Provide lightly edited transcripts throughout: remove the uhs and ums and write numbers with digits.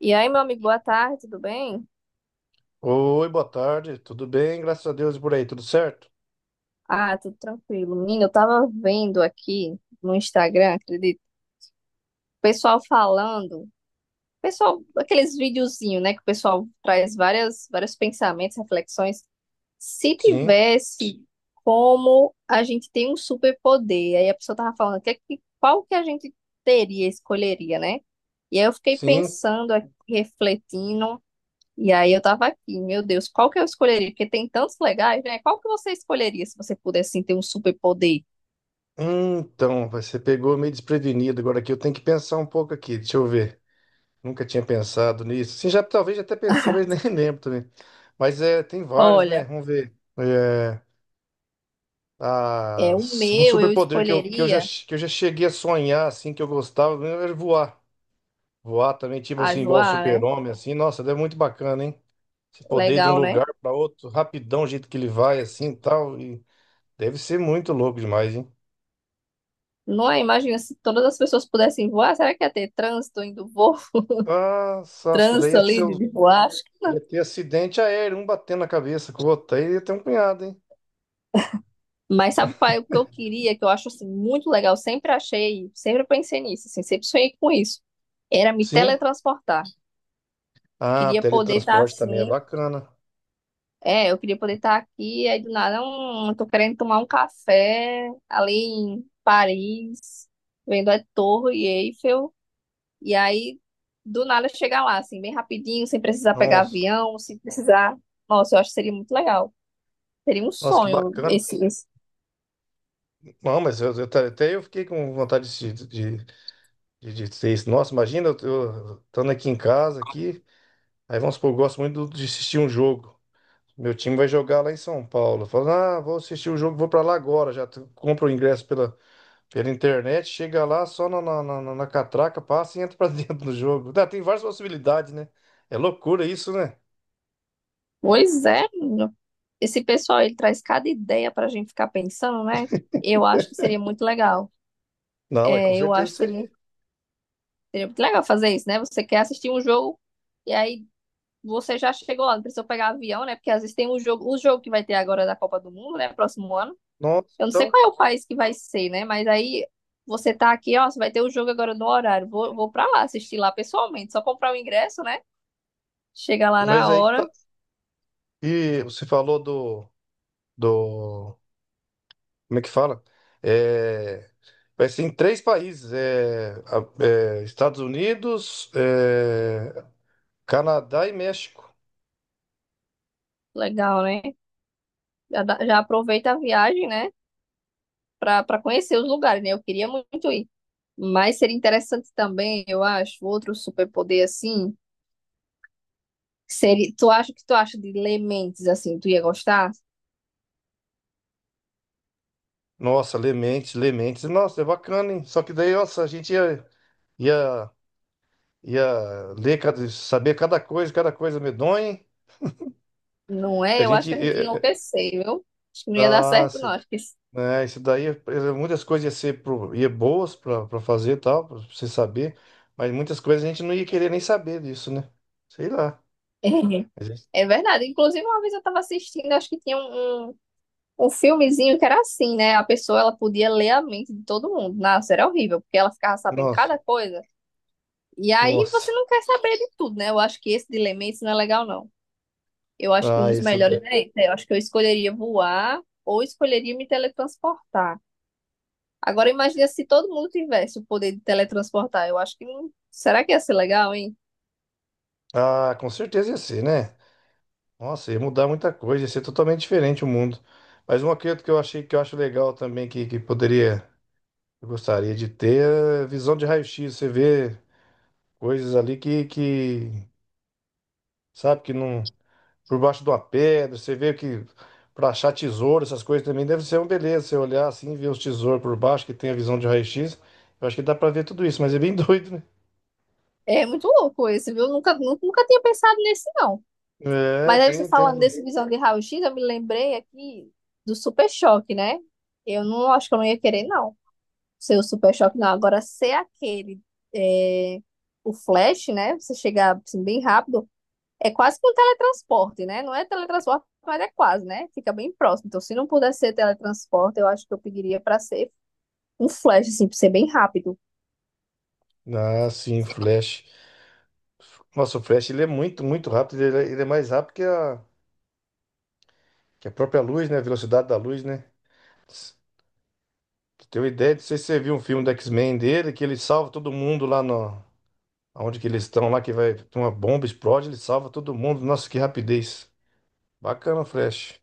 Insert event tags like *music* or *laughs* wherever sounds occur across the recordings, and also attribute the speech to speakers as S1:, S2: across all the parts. S1: E aí, meu amigo, boa tarde, tudo bem?
S2: Oi, boa tarde. Tudo bem? Graças a Deus e por aí, tudo certo?
S1: Ah, tudo tranquilo. Menina, eu tava vendo aqui no Instagram, acredito, o pessoal falando, pessoal, aqueles videozinhos, né, que o pessoal traz vários pensamentos, reflexões. Se
S2: Sim,
S1: tivesse como a gente tem um superpoder, aí a pessoa tava falando, qual que a gente teria, escolheria, né? E aí eu fiquei
S2: sim.
S1: pensando aqui, refletindo. E aí eu tava aqui, meu Deus, qual que eu escolheria? Porque tem tantos legais, né? Qual que você escolheria se você pudesse assim, ter um superpoder?
S2: Então, você pegou meio desprevenido agora aqui. Eu tenho que pensar um pouco aqui. Deixa eu ver. Nunca tinha pensado nisso. Sim, já talvez já até pensei, mas *laughs*
S1: *laughs*
S2: nem lembro também. Mas é, tem vários, né?
S1: Olha,
S2: Vamos ver. É,
S1: é o
S2: um
S1: meu, eu
S2: superpoder que eu, que eu já,
S1: escolheria
S2: que eu já cheguei a sonhar, assim, que eu gostava, era voar. Voar também, tipo
S1: a
S2: assim, igual o
S1: voar, né?
S2: super-homem, assim. Nossa, é muito bacana, hein? Você poder ir de um
S1: Legal, né?
S2: lugar para outro rapidão, o jeito que ele vai, assim e tal. E deve ser muito louco demais, hein?
S1: Não é? Imagina se todas as pessoas pudessem voar, será que ia ter trânsito indo voo? *laughs*
S2: Nossa, acho que daí
S1: Trânsito
S2: ia ser,
S1: ali de voar?
S2: ia ter acidente aéreo, um batendo na cabeça com o outro. Aí ia ter um punhado, hein?
S1: Mas sabe, pai, o que eu queria, que eu acho assim, muito legal, sempre achei, sempre pensei nisso, assim, sempre sonhei com isso, era me
S2: Sim.
S1: teletransportar.
S2: Ah,
S1: Queria poder estar
S2: teletransporte também é
S1: assim,
S2: bacana.
S1: é, eu queria poder estar aqui, aí do nada, tô querendo tomar um café ali em Paris, vendo a Torre Eiffel, e aí do nada chegar lá, assim, bem rapidinho, sem precisar pegar
S2: Nossa,
S1: avião, sem precisar. Nossa, eu acho que seria muito legal. Seria um
S2: nossa, que
S1: sonho
S2: bacana.
S1: esse, esse...
S2: Não, mas até eu fiquei com vontade de ser isso. Nossa, imagina eu estando aqui em casa, aqui. Aí vamos supor, eu gosto muito de assistir um jogo. Meu time vai jogar lá em São Paulo. Fala, ah, vou assistir o jogo, vou pra lá agora. Compro o ingresso pela, pela internet, chega lá só na catraca, passa e entra pra *laughs* dentro do jogo. Tá, tem várias possibilidades, né? É loucura isso, né?
S1: Pois é, menino. Esse pessoal, ele traz cada ideia pra gente ficar pensando, né? Eu acho que seria muito legal.
S2: Não, é com
S1: É, eu acho
S2: certeza
S1: que
S2: seria.
S1: seria muito legal fazer isso, né? Você quer assistir um jogo. E aí você já chegou lá, não precisou pegar avião, né? Porque às vezes tem o jogo que vai ter agora da Copa do Mundo, né? Próximo ano.
S2: Nossa,
S1: Eu não sei
S2: então,
S1: qual é o país que vai ser, né? Mas aí você tá aqui, ó, você vai ter o jogo agora no horário. Vou pra lá assistir lá pessoalmente. Só comprar o ingresso, né? Chega lá
S2: mas
S1: na
S2: aí que
S1: hora.
S2: tá. E você falou do, como é que fala? É, vai ser em três países, é, é, Estados Unidos, é, Canadá e México.
S1: Legal, né? Já aproveita a viagem, né? Pra conhecer os lugares, né? Eu queria muito ir. Mas seria interessante também, eu acho, outro superpoder assim. Seria, tu acha o que tu acha de ler mentes assim? Tu ia gostar?
S2: Nossa, Lementes, Lementes, nossa, é bacana, hein? Só que daí, nossa, a gente ia, ia, ia ler, saber cada coisa medonha, hein?
S1: Não
S2: A
S1: é? Eu acho
S2: gente,
S1: que a gente ia
S2: eh, eh,
S1: enlouquecer, viu? Acho que não ia dar certo, não.
S2: nossa,
S1: Acho que isso...
S2: né, isso daí, muitas coisas ia ser pro, ia boas para fazer e tal, para você saber, mas muitas coisas a gente não ia querer nem saber disso, né? Sei lá.
S1: *laughs*
S2: A gente-
S1: é verdade. Inclusive, uma vez eu estava assistindo, acho que tinha um um filmezinho que era assim, né? A pessoa ela podia ler a mente de todo mundo. Nossa, era horrível, porque ela ficava sabendo
S2: nossa,
S1: cada coisa. E aí você
S2: nossa.
S1: não quer saber de tudo, né? Eu acho que esse de ler mentes não é legal, não. Eu acho que um
S2: Ah,
S1: dos
S2: esse,
S1: melhores é esse. Eu acho que eu escolheria voar ou escolheria me teletransportar. Agora imagina se todo mundo tivesse o poder de teletransportar. Eu acho que não. Será que ia ser legal, hein?
S2: ah, com certeza ia ser, né? Nossa, ia mudar muita coisa, ia ser totalmente diferente o mundo. Mas uma coisa que eu achei que eu acho legal também, que poderia, eu gostaria de ter, é visão de raio-x. Você vê coisas ali que, sabe, que não. Por baixo de uma pedra, você vê que para achar tesouro, essas coisas também deve ser uma beleza. Você olhar assim, ver os tesouros por baixo, que tem a visão de raio-x. Eu acho que dá para ver tudo isso, mas é bem *laughs* doido, né?
S1: É muito louco esse, viu? Eu nunca, nunca tinha pensado nesse, não.
S2: É,
S1: Mas aí você
S2: tem, tem.
S1: falando desse visão de raio-x, eu me lembrei aqui do super choque, né? Eu não acho que eu não ia querer, não. Ser o super choque, não. Agora, ser aquele, é, o flash, né? Você chegar assim, bem rápido, é quase que um teletransporte, né? Não é teletransporte, mas é quase, né? Fica bem próximo. Então, se não pudesse ser teletransporte, eu acho que eu pediria para ser um flash, assim, para ser bem rápido.
S2: Ah, sim, Flash. Nossa, o Flash ele é muito, muito rápido. Ele é mais rápido que a. Que a própria luz, né? A velocidade da luz, né? Pra ideia, não sei se você viu um filme do X-Men dele, que ele salva todo mundo lá no... Onde que eles estão lá, que vai... Tem uma bomba, explode, ele salva todo mundo. Nossa, que rapidez. Bacana, Flash.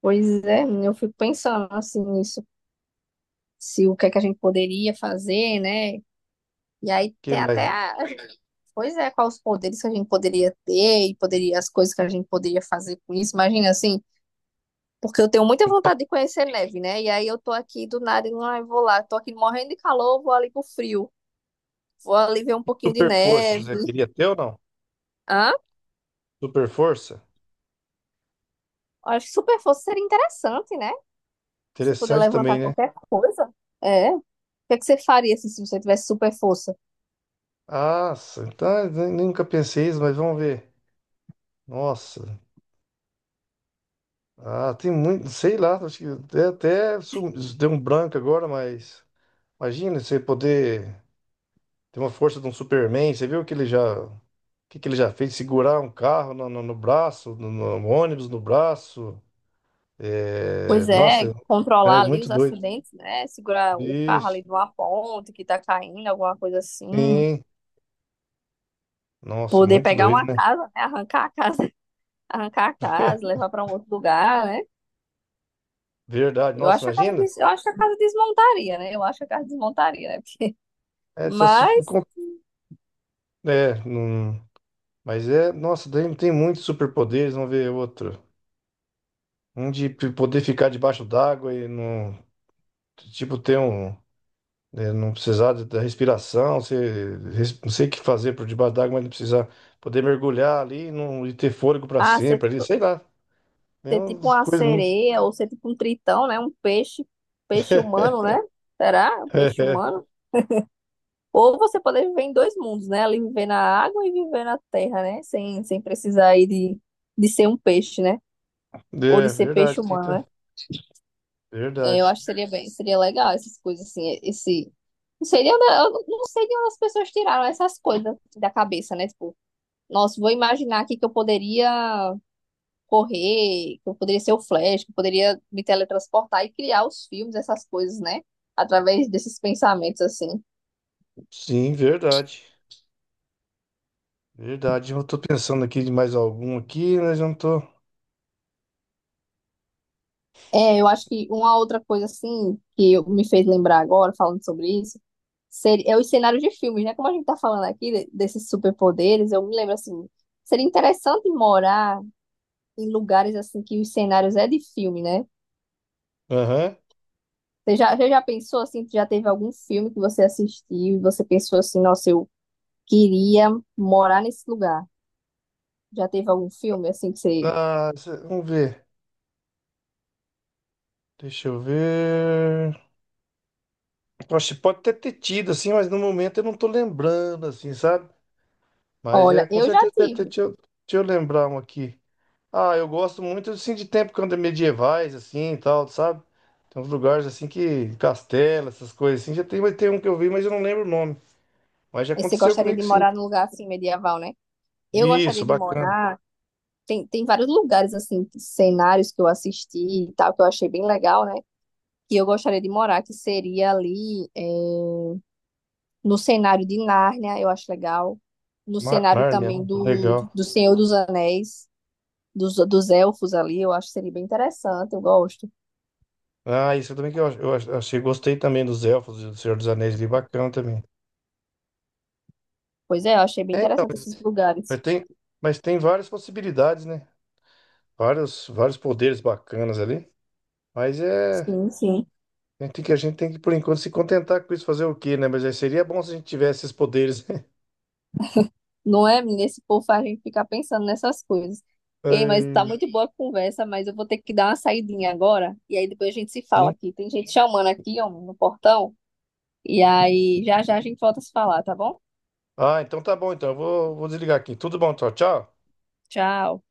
S1: Pois é, eu fico pensando assim nisso, se o que é que a gente poderia fazer, né? E aí
S2: Que
S1: tem
S2: mais?
S1: até a... *laughs* Pois é, quais os poderes que a gente poderia ter e poderia, as coisas que a gente poderia fazer com isso. Imagina assim, porque eu tenho muita vontade de conhecer neve, né? E aí eu tô aqui do nada e ah, eu vou lá, tô aqui morrendo de calor, vou ali pro frio. Vou ali ver um pouquinho de
S2: Super força,
S1: neve.
S2: você queria ter ou não?
S1: Hã?
S2: Super força?
S1: Acho que super força seria interessante, né? Se puder
S2: Interessante também,
S1: levantar
S2: né?
S1: qualquer coisa. É. O que é que você faria assim, se você tivesse super força?
S2: Nossa, então nunca pensei isso, mas vamos ver. Nossa. Ah, tem muito, sei lá, acho que até, até deu um branco agora, mas imagina você poder tem uma força de um Superman. Você viu o que ele já, o que que ele já fez? Segurar um carro no braço, no ônibus no braço. É,
S1: Pois é,
S2: nossa, é
S1: controlar ali
S2: muito
S1: os
S2: doido.
S1: acidentes, né? Segurar o carro ali
S2: Isso,
S1: numa ponte que tá caindo, alguma coisa assim.
S2: sim. Nossa,
S1: Poder
S2: muito
S1: pegar
S2: doido,
S1: uma
S2: né?
S1: casa, né? Arrancar a casa, *laughs* arrancar a casa, levar para um outro lugar, né?
S2: Verdade.
S1: Eu
S2: Nossa,
S1: acho que a casa,
S2: imagina.
S1: eu acho que a casa desmontaria, né? Eu acho que a casa desmontaria, né? *laughs*
S2: É, só se for
S1: Mas
S2: com- é, não- mas é, nossa, tem, tem muitos superpoderes, vamos ver outro. Um de poder ficar debaixo d'água e não, tipo, ter um né, não precisar da respiração, você, não sei o que fazer por debaixo d'água, mas não precisar poder mergulhar ali e não, e ter fôlego para
S1: ah,
S2: sempre ali, sei lá. É
S1: ser tipo
S2: umas
S1: uma
S2: coisas muito.
S1: sereia ou ser tipo um tritão, né? Um peixe, peixe
S2: *laughs*
S1: humano, né? Será? Um peixe
S2: É,
S1: humano? Ou você poder viver em dois mundos, né? Ali viver na água e viver na terra, né? Sem precisar aí de ser um peixe, né? Ou de
S2: é
S1: ser peixe
S2: verdade,
S1: humano,
S2: Tita.
S1: né? É, eu
S2: Verdade.
S1: acho que seria seria legal essas coisas assim, esse... Não sei, eu não sei de onde as pessoas tiraram essas coisas da cabeça, né? Tipo, nossa, vou imaginar aqui que eu poderia correr, que eu poderia ser o Flash, que eu poderia me teletransportar e criar os filmes, essas coisas, né? Através desses pensamentos, assim.
S2: Sim, verdade. Verdade. Eu tô pensando aqui de mais algum aqui, mas eu não tô.
S1: É, eu acho que uma outra coisa assim me fez lembrar agora, falando sobre isso, seria, é os cenários de filmes, né? Como a gente tá falando aqui desses superpoderes, eu me lembro assim, seria interessante morar em lugares assim que os cenários é de filme, né?
S2: Aham.
S1: Você já pensou assim, já teve algum filme que você assistiu e você pensou assim, nossa, eu queria morar nesse lugar. Já teve algum filme assim que você...
S2: Ah, vamos ver. Deixa eu ver. Poxa, pode até ter tido, assim, mas no momento eu não tô lembrando, assim, sabe? Mas é,
S1: Olha,
S2: com
S1: eu já
S2: certeza deve ter.
S1: tive.
S2: Deixa eu lembrar um aqui. Ah, eu gosto muito assim de tempo quando é medievais assim e tal, sabe? Tem uns lugares assim que castelo, essas coisas assim. Já tem, mas tem um que eu vi, mas eu não lembro o nome. Mas já
S1: Aí você
S2: aconteceu
S1: gostaria
S2: comigo
S1: de
S2: sim.
S1: morar num lugar assim medieval, né? Eu
S2: Isso,
S1: gostaria de
S2: bacana.
S1: morar. Tem, tem vários lugares, assim, cenários que eu assisti e tal, que eu achei bem legal, né? Que eu gostaria de morar, que seria ali é, no cenário de Nárnia, eu acho legal. No cenário
S2: Nárnia,
S1: também
S2: né?
S1: do,
S2: Legal.
S1: do Senhor dos Anéis, dos elfos ali, eu acho que seria bem interessante, eu gosto.
S2: Ah, isso também que achei, gostei também dos elfos, do Senhor dos Anéis ali, bacana também.
S1: Pois é, eu achei bem interessante esses
S2: Mas
S1: lugares.
S2: tem, mas tem várias possibilidades, né? Vários, vários poderes bacanas ali. Mas é,
S1: Sim, sim.
S2: a gente tem que por enquanto se contentar com isso, fazer o quê, né? Mas aí seria bom se a gente tivesse esses poderes. *laughs*
S1: Não é, menina? Esse povo faz a gente ficar pensando nessas coisas. Ei, mas tá
S2: É,
S1: muito boa a conversa, mas eu vou ter que dar uma saidinha agora, e aí depois a gente se fala aqui. Tem gente chamando aqui, ó, no portão. E aí, já já a gente volta a se falar, tá bom?
S2: ah, então tá bom. Então vou desligar aqui. Tudo bom, tchau, tchau.
S1: Tchau.